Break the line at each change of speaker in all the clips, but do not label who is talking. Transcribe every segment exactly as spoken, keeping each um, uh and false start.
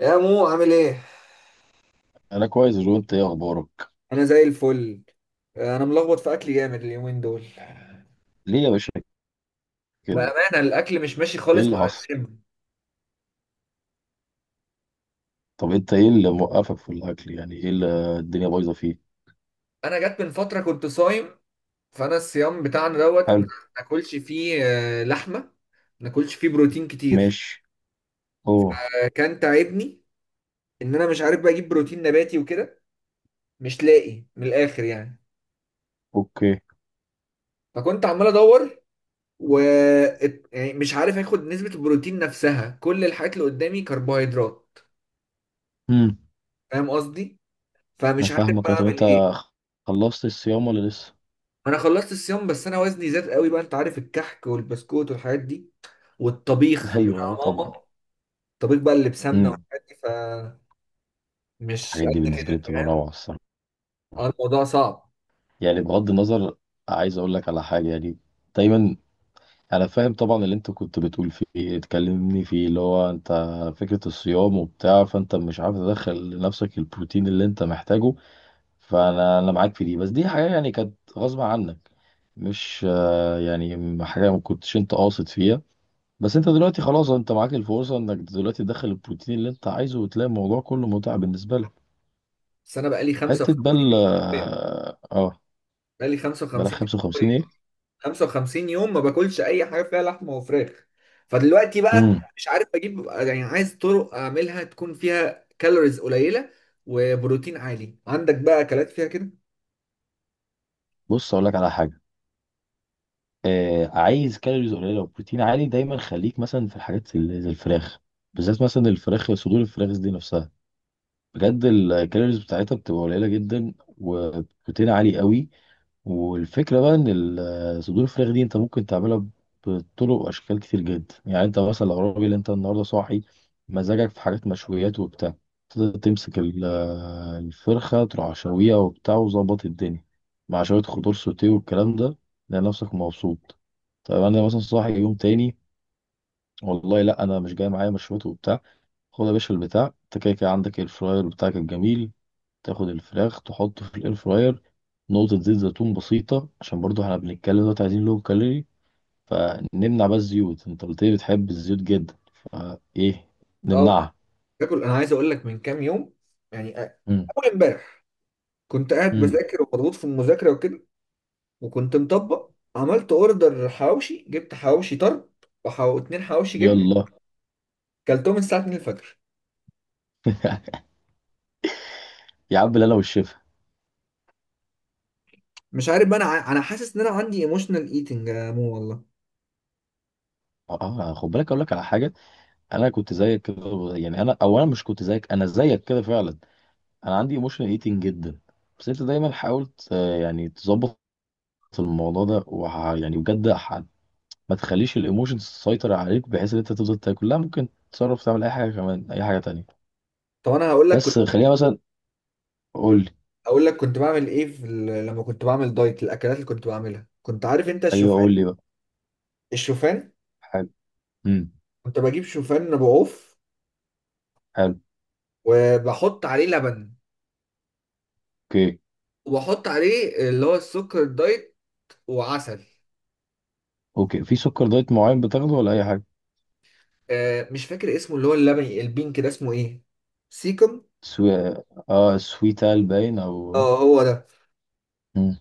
يا مو عامل ايه؟
انا كويس يا جو، انت ايه اخبارك؟
انا زي الفل. انا ملخبط في اكلي جامد اليومين دول.
ليه يا باشا؟ كده.
بامانه الاكل مش ماشي
ايه
خالص
اللي
مع
حصل؟
الجيم.
طب انت ايه اللي موقفك في الاكل؟ يعني ايه اللي الدنيا بايظه فيه؟
انا جت من فتره كنت صايم، فانا الصيام بتاعنا دوت ما
حلو.
ناكلش فيه آه، لحمه، ما ناكلش فيه بروتين كتير.
ماشي. اوه.
آه، كان تعبني ان انا مش عارف بقى اجيب بروتين نباتي وكده، مش لاقي من الاخر يعني.
اوكي.
فكنت عمال ادور و ات- يعني مش عارف اخد نسبه البروتين نفسها، كل الحاجات اللي قدامي كربوهيدرات.
امم.
فاهم قصدي؟
انا
فمش عارف
فاهمك.
بقى
أه، طب
اعمل
انت
ايه.
خلصت الصيام ولا لسه؟
انا خلصت الصيام، بس انا وزني زاد قوي بقى. انت عارف الكحك والبسكوت والحاجات دي والطبيخ
ايوه، أه،
بتاع
طبعا.
ماما، الطبيخ بقى اللي بسمنه
امم.
والحاجات دي، فمش
الحاجات دي
قد
بالنسبه
كده
لي بتبقى
فاهم.
روعه الصراحه.
اه، الموضوع صعب.
يعني بغض النظر، عايز اقول لك على حاجه يعني. دايما انا فاهم طبعا اللي انت كنت بتقول فيه، اتكلمني فيه اللي هو انت فكرة الصيام وبتاع، فانت مش عارف تدخل لنفسك البروتين اللي انت محتاجه. فانا انا معاك في دي، بس دي حاجة يعني كانت غصب عنك، مش آه، يعني حاجة ما كنتش انت قاصد فيها. بس انت دلوقتي خلاص انت معاك الفرصة انك دلوقتي تدخل البروتين اللي انت عايزه وتلاقي الموضوع كله متعة بالنسبة لك.
بس انا بقالي خمسة
حتة بل اه آه،
بقالي
بلا
55 55
خمسة وخمسين
يوم،
ايه؟
خمسة وخمسين يوم ما باكلش اي حاجه فيها لحمه وفراخ. فدلوقتي بقى
امم.
مش عارف اجيب يعني، عايز طرق اعملها تكون فيها كالوريز قليله وبروتين عالي. عندك بقى اكلات فيها كده؟
بص اقول لك على حاجة. آه، عايز كالوريز قليله وبروتين عالي، دايما خليك مثلا في الحاجات اللي زي الفراخ. بالذات مثلا الفراخ، صدور الفراخ دي نفسها، بجد الكالوريز بتاعتها بتبقى قليله جدا وبروتين عالي قوي. والفكرة بقى ان ال- صدور الفراخ دي انت ممكن تعملها بطرق واشكال كتير جدا. يعني انت مثلا لو راجل انت النهارده صاحي مزاجك في حاجات مشويات وبتاع، تقدر تمسك ال- الفرخة، تروح شويها وبتاع وظبط الدنيا مع شوية خضار سوتيه والكلام ده، تلاقي نفسك مبسوط. طيب انا مثلا صاحي يوم تاني، والله لا انا مش جاي معايا مشويات وبتاع، خد يا باشا البتاع، انت كده كده عندك الفراير بتاعك الجميل، تاخد الفراخ تحطه في الاير فراير، نقطة زيت زيتون بسيطة، عشان برضو احنا بنتكلم دلوقتي عايزين لو كالوري، فنمنع بقى الزيوت. انت قلت لي بتحب الزيوت جدا، فايه
اه،
نمنعها.
باكل. انا عايز اقول لك من كام يوم، يعني أ-
مم.
اول امبارح كنت قاعد
مم.
بذاكر ومضغوط في المذاكره وكده، وكنت مطبق. عملت اوردر حواوشي، جبت حواوشي طرب وحو... اتنين حواوشي جبنه،
يلا.
كلتهم الساعه اتنين الفجر.
يا عم لا، انا والشفا.
مش عارف بقى انا ع- انا حاسس ان انا عندي ايموشنال ايتنج يا مو والله.
اه، خد بالك اقول لك على حاجه. انا كنت زيك كده، يعني انا او انا مش كنت زيك، انا زيك كده فعلا. انا عندي ايموشنال ايتنج جدا. بس انت دايما حاولت آه، يعني تظبط الموضوع ده وح... يعني بجد ما تخليش الايموشنز تسيطر عليك، بحيث ان انت تفضل تاكل. لا، ممكن تتصرف تعمل اي حاجه كمان، اي حاجه تانية.
طب انا هقول لك كنت
بس خليها مثلا، قول لي.
اقول لك كنت بعمل ايه في ال... لما كنت بعمل دايت، الاكلات اللي كنت بعملها، كنت عارف انت
ايوه
الشوفان؟
قول لي بقى.
الشوفان
حلو. امم.
كنت بجيب شوفان بعوف
حلو.
وبحط عليه لبن
اوكي.
وبحط عليه اللي هو السكر الدايت وعسل.
اوكي، في سكر دايت معين بتاخده ولا اي حاجه؟
آه مش فاكر اسمه، اللي هو اللبني البينك ده اسمه ايه، سيكم.
سوي... اه، سويتال باين او آه.
اه، هو ده.
مم.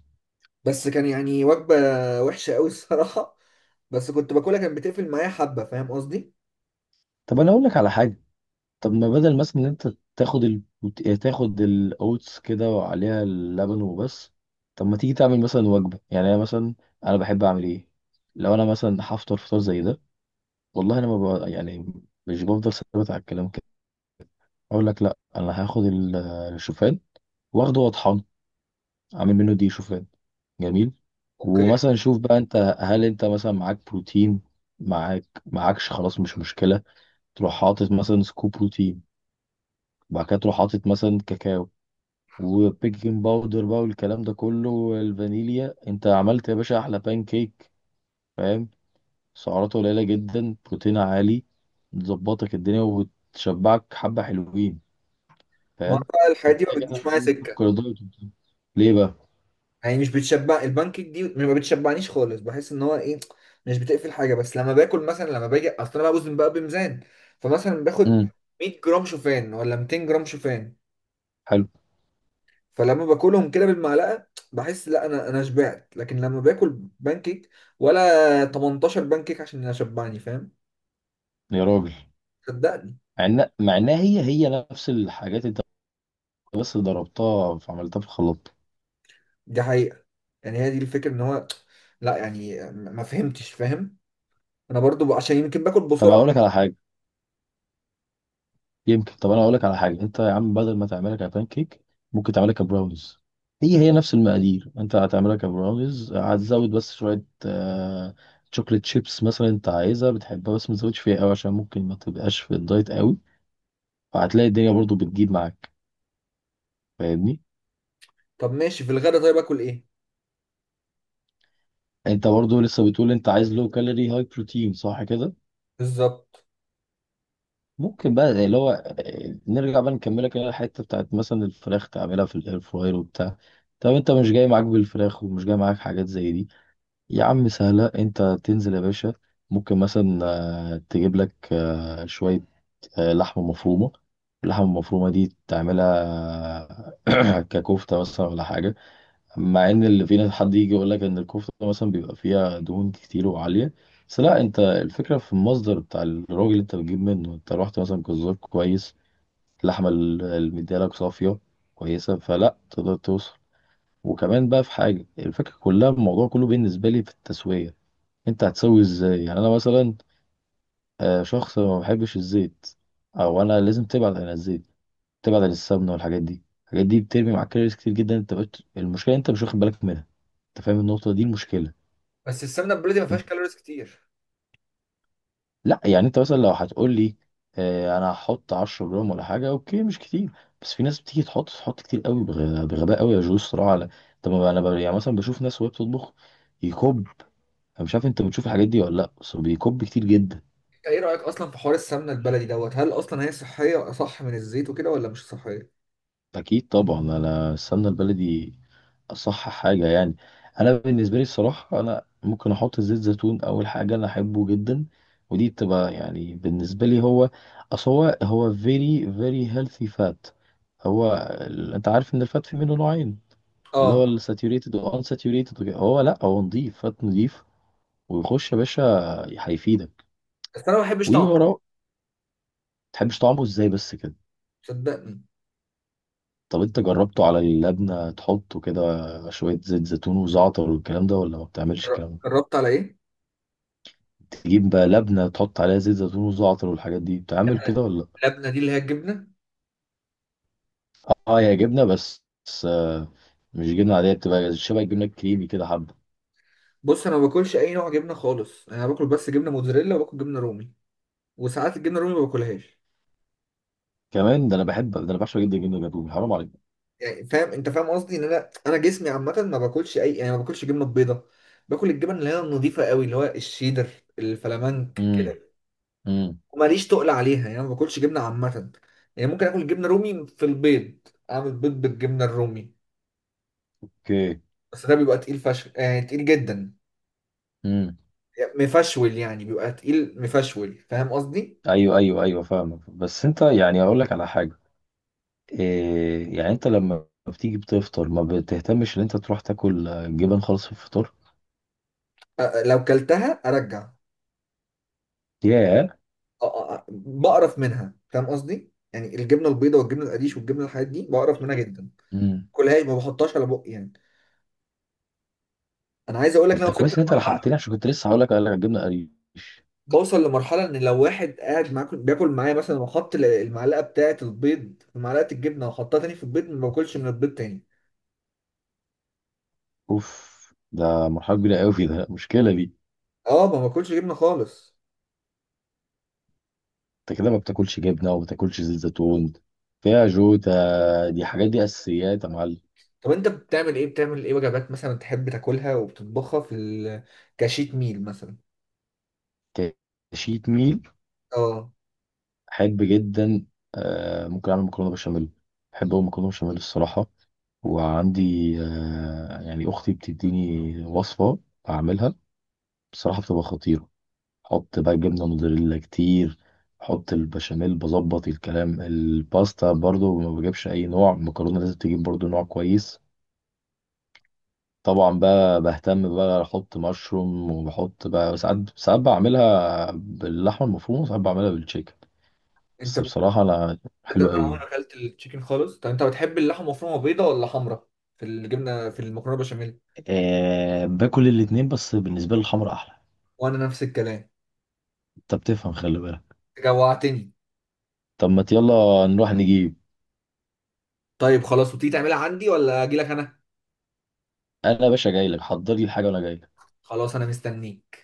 بس كان يعني وجبة وحشة قوي الصراحة، بس كنت باكلها كانت بتقفل معايا حبة، فاهم قصدي؟
طب انا اقول لك على حاجه. طب ما بدل مثلا ان انت تاخد ال... تاخد الاوتس كده وعليها اللبن وبس، طب ما تيجي تعمل مثلا وجبه. يعني انا مثلا، انا بحب اعمل ايه؟ لو انا مثلا هفطر فطار زي ده، والله انا ما بقى يعني مش بفضل ثابت على الكلام كده، اقول لك لا انا هاخد ال- الشوفان، واخده واطحن، اعمل منه دي شوفان. جميل.
اوكي.
ومثلا شوف بقى، انت هل انت مثلا معاك بروتين، معاك معاكش خلاص مش مشكله، تروح حاطط مثلا سكوب بروتين، وبعد كده تروح حاطط مثلا كاكاو، وبيكنج باودر بقى والكلام ده كله والفانيليا، انت عملت يا باشا احلى بان كيك. فاهم؟ سعراته قليله جدا، بروتين عالي، تظبطك الدنيا وتشبعك حبه حلوين.
ما هو
فاهم؟
بقى الحاجات دي ما
وكده كده
بتجيش
بقى
معايا
ايه
سكة.
سكر دايت وبتاع. ليه بقى؟
يعني مش بتشبع، البانكيك دي ما بتشبعنيش خالص، بحس ان هو ايه، مش بتقفل حاجة. بس لما باكل مثلا، لما باجي، اصل انا بقى بوزن بقى بميزان، فمثلا باخد
امم.
100 جرام شوفان ولا 200 جرام شوفان،
حلو.
فلما باكلهم كده بالمعلقه بحس لا، انا انا شبعت. لكن لما باكل بانكيك، ولا 18 بانكيك عشان اشبعني، فاهم؟
يا راجل،
صدقني،
مع ان مع انها هي هي نفس الحاجات انت بس ضربتها فعملتها في الخلاط.
دي حقيقه. يعني هي دي الفكره ان هو، لا يعني، ما فهمتش، فاهم؟ انا برضو ب- عشان يمكن باكل
طب اقول
بسرعه.
لك على حاجه يمكن، طب انا اقول لك على حاجه، انت يا عم بدل ما تعملها كبان كيك، ممكن تعملها كبراونيز. هي هي نفس المقادير، انت هتعملها كبراونيز هتزود بس شويه آه... شوكليت شيبس مثلا، انت عايزها بتحبها، بس ما تزودش فيها قوي عشان ممكن ما تبقاش في الدايت قوي. فهتلاقي الدنيا برضو بتجيب معاك. فاهمني؟
طب ماشي، في الغدا طيب اكل ايه؟
انت برضو لسه بتقول انت عايز لو كالوري هاي بروتين، صح كده؟
بالظبط.
ممكن بقى زي اللي هو آه، نرجع بقى نكملك اللي هي الحته بتاعت مثلا الفراخ، تعملها في الاير فراير وبتاع. طب انت مش جاي معاك بالفراخ ومش جاي معاك حاجات زي دي، يا عم سهله، انت تنزل يا باشا، ممكن مثلا آه، تجيب لك آه، شويه آه، لحمه مفرومه. اللحمه المفرومه دي تعملها ككفته مثلا ولا حاجه. مع ان اللي فينا حد يجي يقول لك ان الكفته مثلا بيبقى فيها دهون كتير وعاليه، بس لا، انت الفكره في المصدر بتاع الراجل اللي انت بتجيب منه. انت رحت مثلا جزار كويس، اللحمه ال- اللي مديالك صافيه كويسه، فلا تقدر توصل. وكمان بقى في حاجه، الفكره كلها الموضوع كله بالنسبه لي في التسويه، انت هتسوي ازاي. يعني انا مثلا آه، شخص ما بحبش الزيت، او انا لازم تبعد عن الزيت، تبعد عن السمنه والحاجات دي. الحاجات دي بترمي معاك كالوريز كتير جدا، انت بقيت المشكله انت مش واخد بالك منها. انت فاهم النقطه دي المشكله؟
بس السمنه البلدي ما فيهاش
انت...
كالوريز كتير.
لا يعني انت مثلا لو هتقول لي اه انا هحط عشرة جرام ولا حاجه، اوكي مش كتير، بس في ناس بتيجي تحط تحط كتير قوي، بغ... بغباء قوي يا جو الصراحه. على طب ما انا ب... يعني مثلا بشوف ناس وهي بتطبخ يكب. انا مش عارف انت بتشوف الحاجات دي ولا لا، بس هو بيكب كتير جدا.
ايه رايك اصلا في حوار السمنه البلدي دوت؟ هل اصلا هي صحيه صح من الزيت وكده، ولا مش صحيه؟
أكيد طبعا، أنا السمنة البلدي أصح حاجة يعني. أنا بالنسبة لي الصراحة، أنا ممكن أحط زيت زيتون أول حاجة، أنا أحبه جدا. ودي بتبقى يعني بالنسبة لي، هو أصل هو هو very very healthy fat. هو ال- أنت عارف إن الفات في منه نوعين، اللي هو
اه.
الساتيوريتد وان ساتيوريتد وكده. هو لأ، هو نضيف فات نضيف، ويخش يا باشا، هيفيدك
بس انا ما بحبش طعمها،
ووراه. متحبش طعمه إزاي بس كده؟
صدقني.
طب انت جربته على اللبنة تحطه كده شوية زيت زيتون وزعتر والكلام ده، ولا ما بتعملش الكلام ده؟
جربت على ايه؟
تجيب بقى لبنة تحط عليها زيت زيتون وزعتر والحاجات دي، بتعمل كده ولا؟
اللبنه دي اللي هي الجبنه؟
اه هي جبنة، بس بس آه، مش جبنة عادية، بتبقى شبه الجبنة الكريمي كده حبة.
بص، انا ما باكلش اي نوع جبنه خالص، يعني انا باكل بس جبنه موتزاريلا وباكل جبنه رومي، وساعات الجبنه الرومي ما باكلهاش.
كمان ده انا بحب ده، انا بعشق جدا الجبنة الجاتوه، حرام عليك.
يعني فاهم، انت فاهم قصدي، ان انا انا جسمي عامه ما باكلش اي، يعني ما باكلش جبنه بيضه. باكل الجبن اللي هي النظيفه قوي، اللي هو الشيدر، الفلامنك.
امم. امم.
وماليش تقل عليها، يعني ما باكلش جبنه عامه. يعني ممكن اكل جبنه رومي في البيض، اعمل بيض بالجبنه الرومي،
اوكي.
بس ده بيبقى تقيل فشخ، يعني تقيل جدا،
امم.
يعني مفشول، يعني بيبقى تقيل مفشول، فاهم قصدي؟
ايوه ايوه ايوه فاهمك، بس انت يعني اقول لك على حاجة، إيه يعني انت لما بتيجي بتفطر ما بتهتمش ان انت تروح تاكل آه، جبن خالص في الفطار؟
أ- لو كلتها ارجع.
ياه.
آه، آه، آه، بقرف منها، فاهم قصدي؟ يعني الجبنه البيضاء والجبنه القريش والجبنه، الحاجات دي بقرف منها جدا،
امم.
كلهاش ما بحطهاش على بقي يعني. انا عايز اقول لك ان
طب
انا
ده
وصلت،
كويس ان انت لحقتني، عشان كنت لسه هقول لك قال لك هتجيبنا قريش.
بوصل لمرحله ان لو واحد قاعد معاكم بياكل معايا مثلا وحط ال- المعلقه بتاعه البيض في معلقه الجبنه وحطها تاني في البيض، ما باكلش من البيض تاني.
اوف، ده مرحله كبيره قوي، في ده مشكله دي.
اه، ما باكلش جبنه خالص.
انت كده ما بتاكلش جبنه وما بتاكلش زيت زيتون، فيها جوتا، دي حاجات، دي اساسيات يا معلم.
طب انت بتعمل ايه بتعمل ايه وجبات مثلا تحب تاكلها وبتطبخها في ال- كشيت ميل مثلا؟
كشيت ميل؟
اه،
احب جدا. آه ممكن اعمل مكرونه بشاميل، بحب اقول مكرونه بشاميل الصراحه. وعندي آه يعني اختي بتديني وصفه اعملها، بصراحه بتبقى خطيره. حط بقى جبنة موتزاريلا كتير، حط البشاميل بظبط الكلام، الباستا برضو ما بجيبش اي نوع، المكرونة لازم تجيب برضو نوع كويس. طبعا بقى بهتم بقى احط مشروم، وبحط بقى ساعات ساعات بعملها باللحمة المفرومة وساعات بعملها بالتشيكن.
انت
بس بصراحة انا
ده
حلو
انا عمري
قوي.
ما اكلت التشيكن خالص. طب انت بتحب اللحمه مفرومه بيضه ولا حمرا، في الجبنه، في المكرونه بشاميل؟
أه باكل الاتنين، بس بالنسبة لي الحمرا احلى.
وانا نفس الكلام.
انت بتفهم، خلي بالك.
جوعتني.
طب ما يلا نروح نجيب.
طيب خلاص، وتيجي تعملها عندي ولا اجي لك انا؟
انا يا باشا جاي لك، حضر لي الحاجة وانا جاي.
خلاص، انا مستنيك.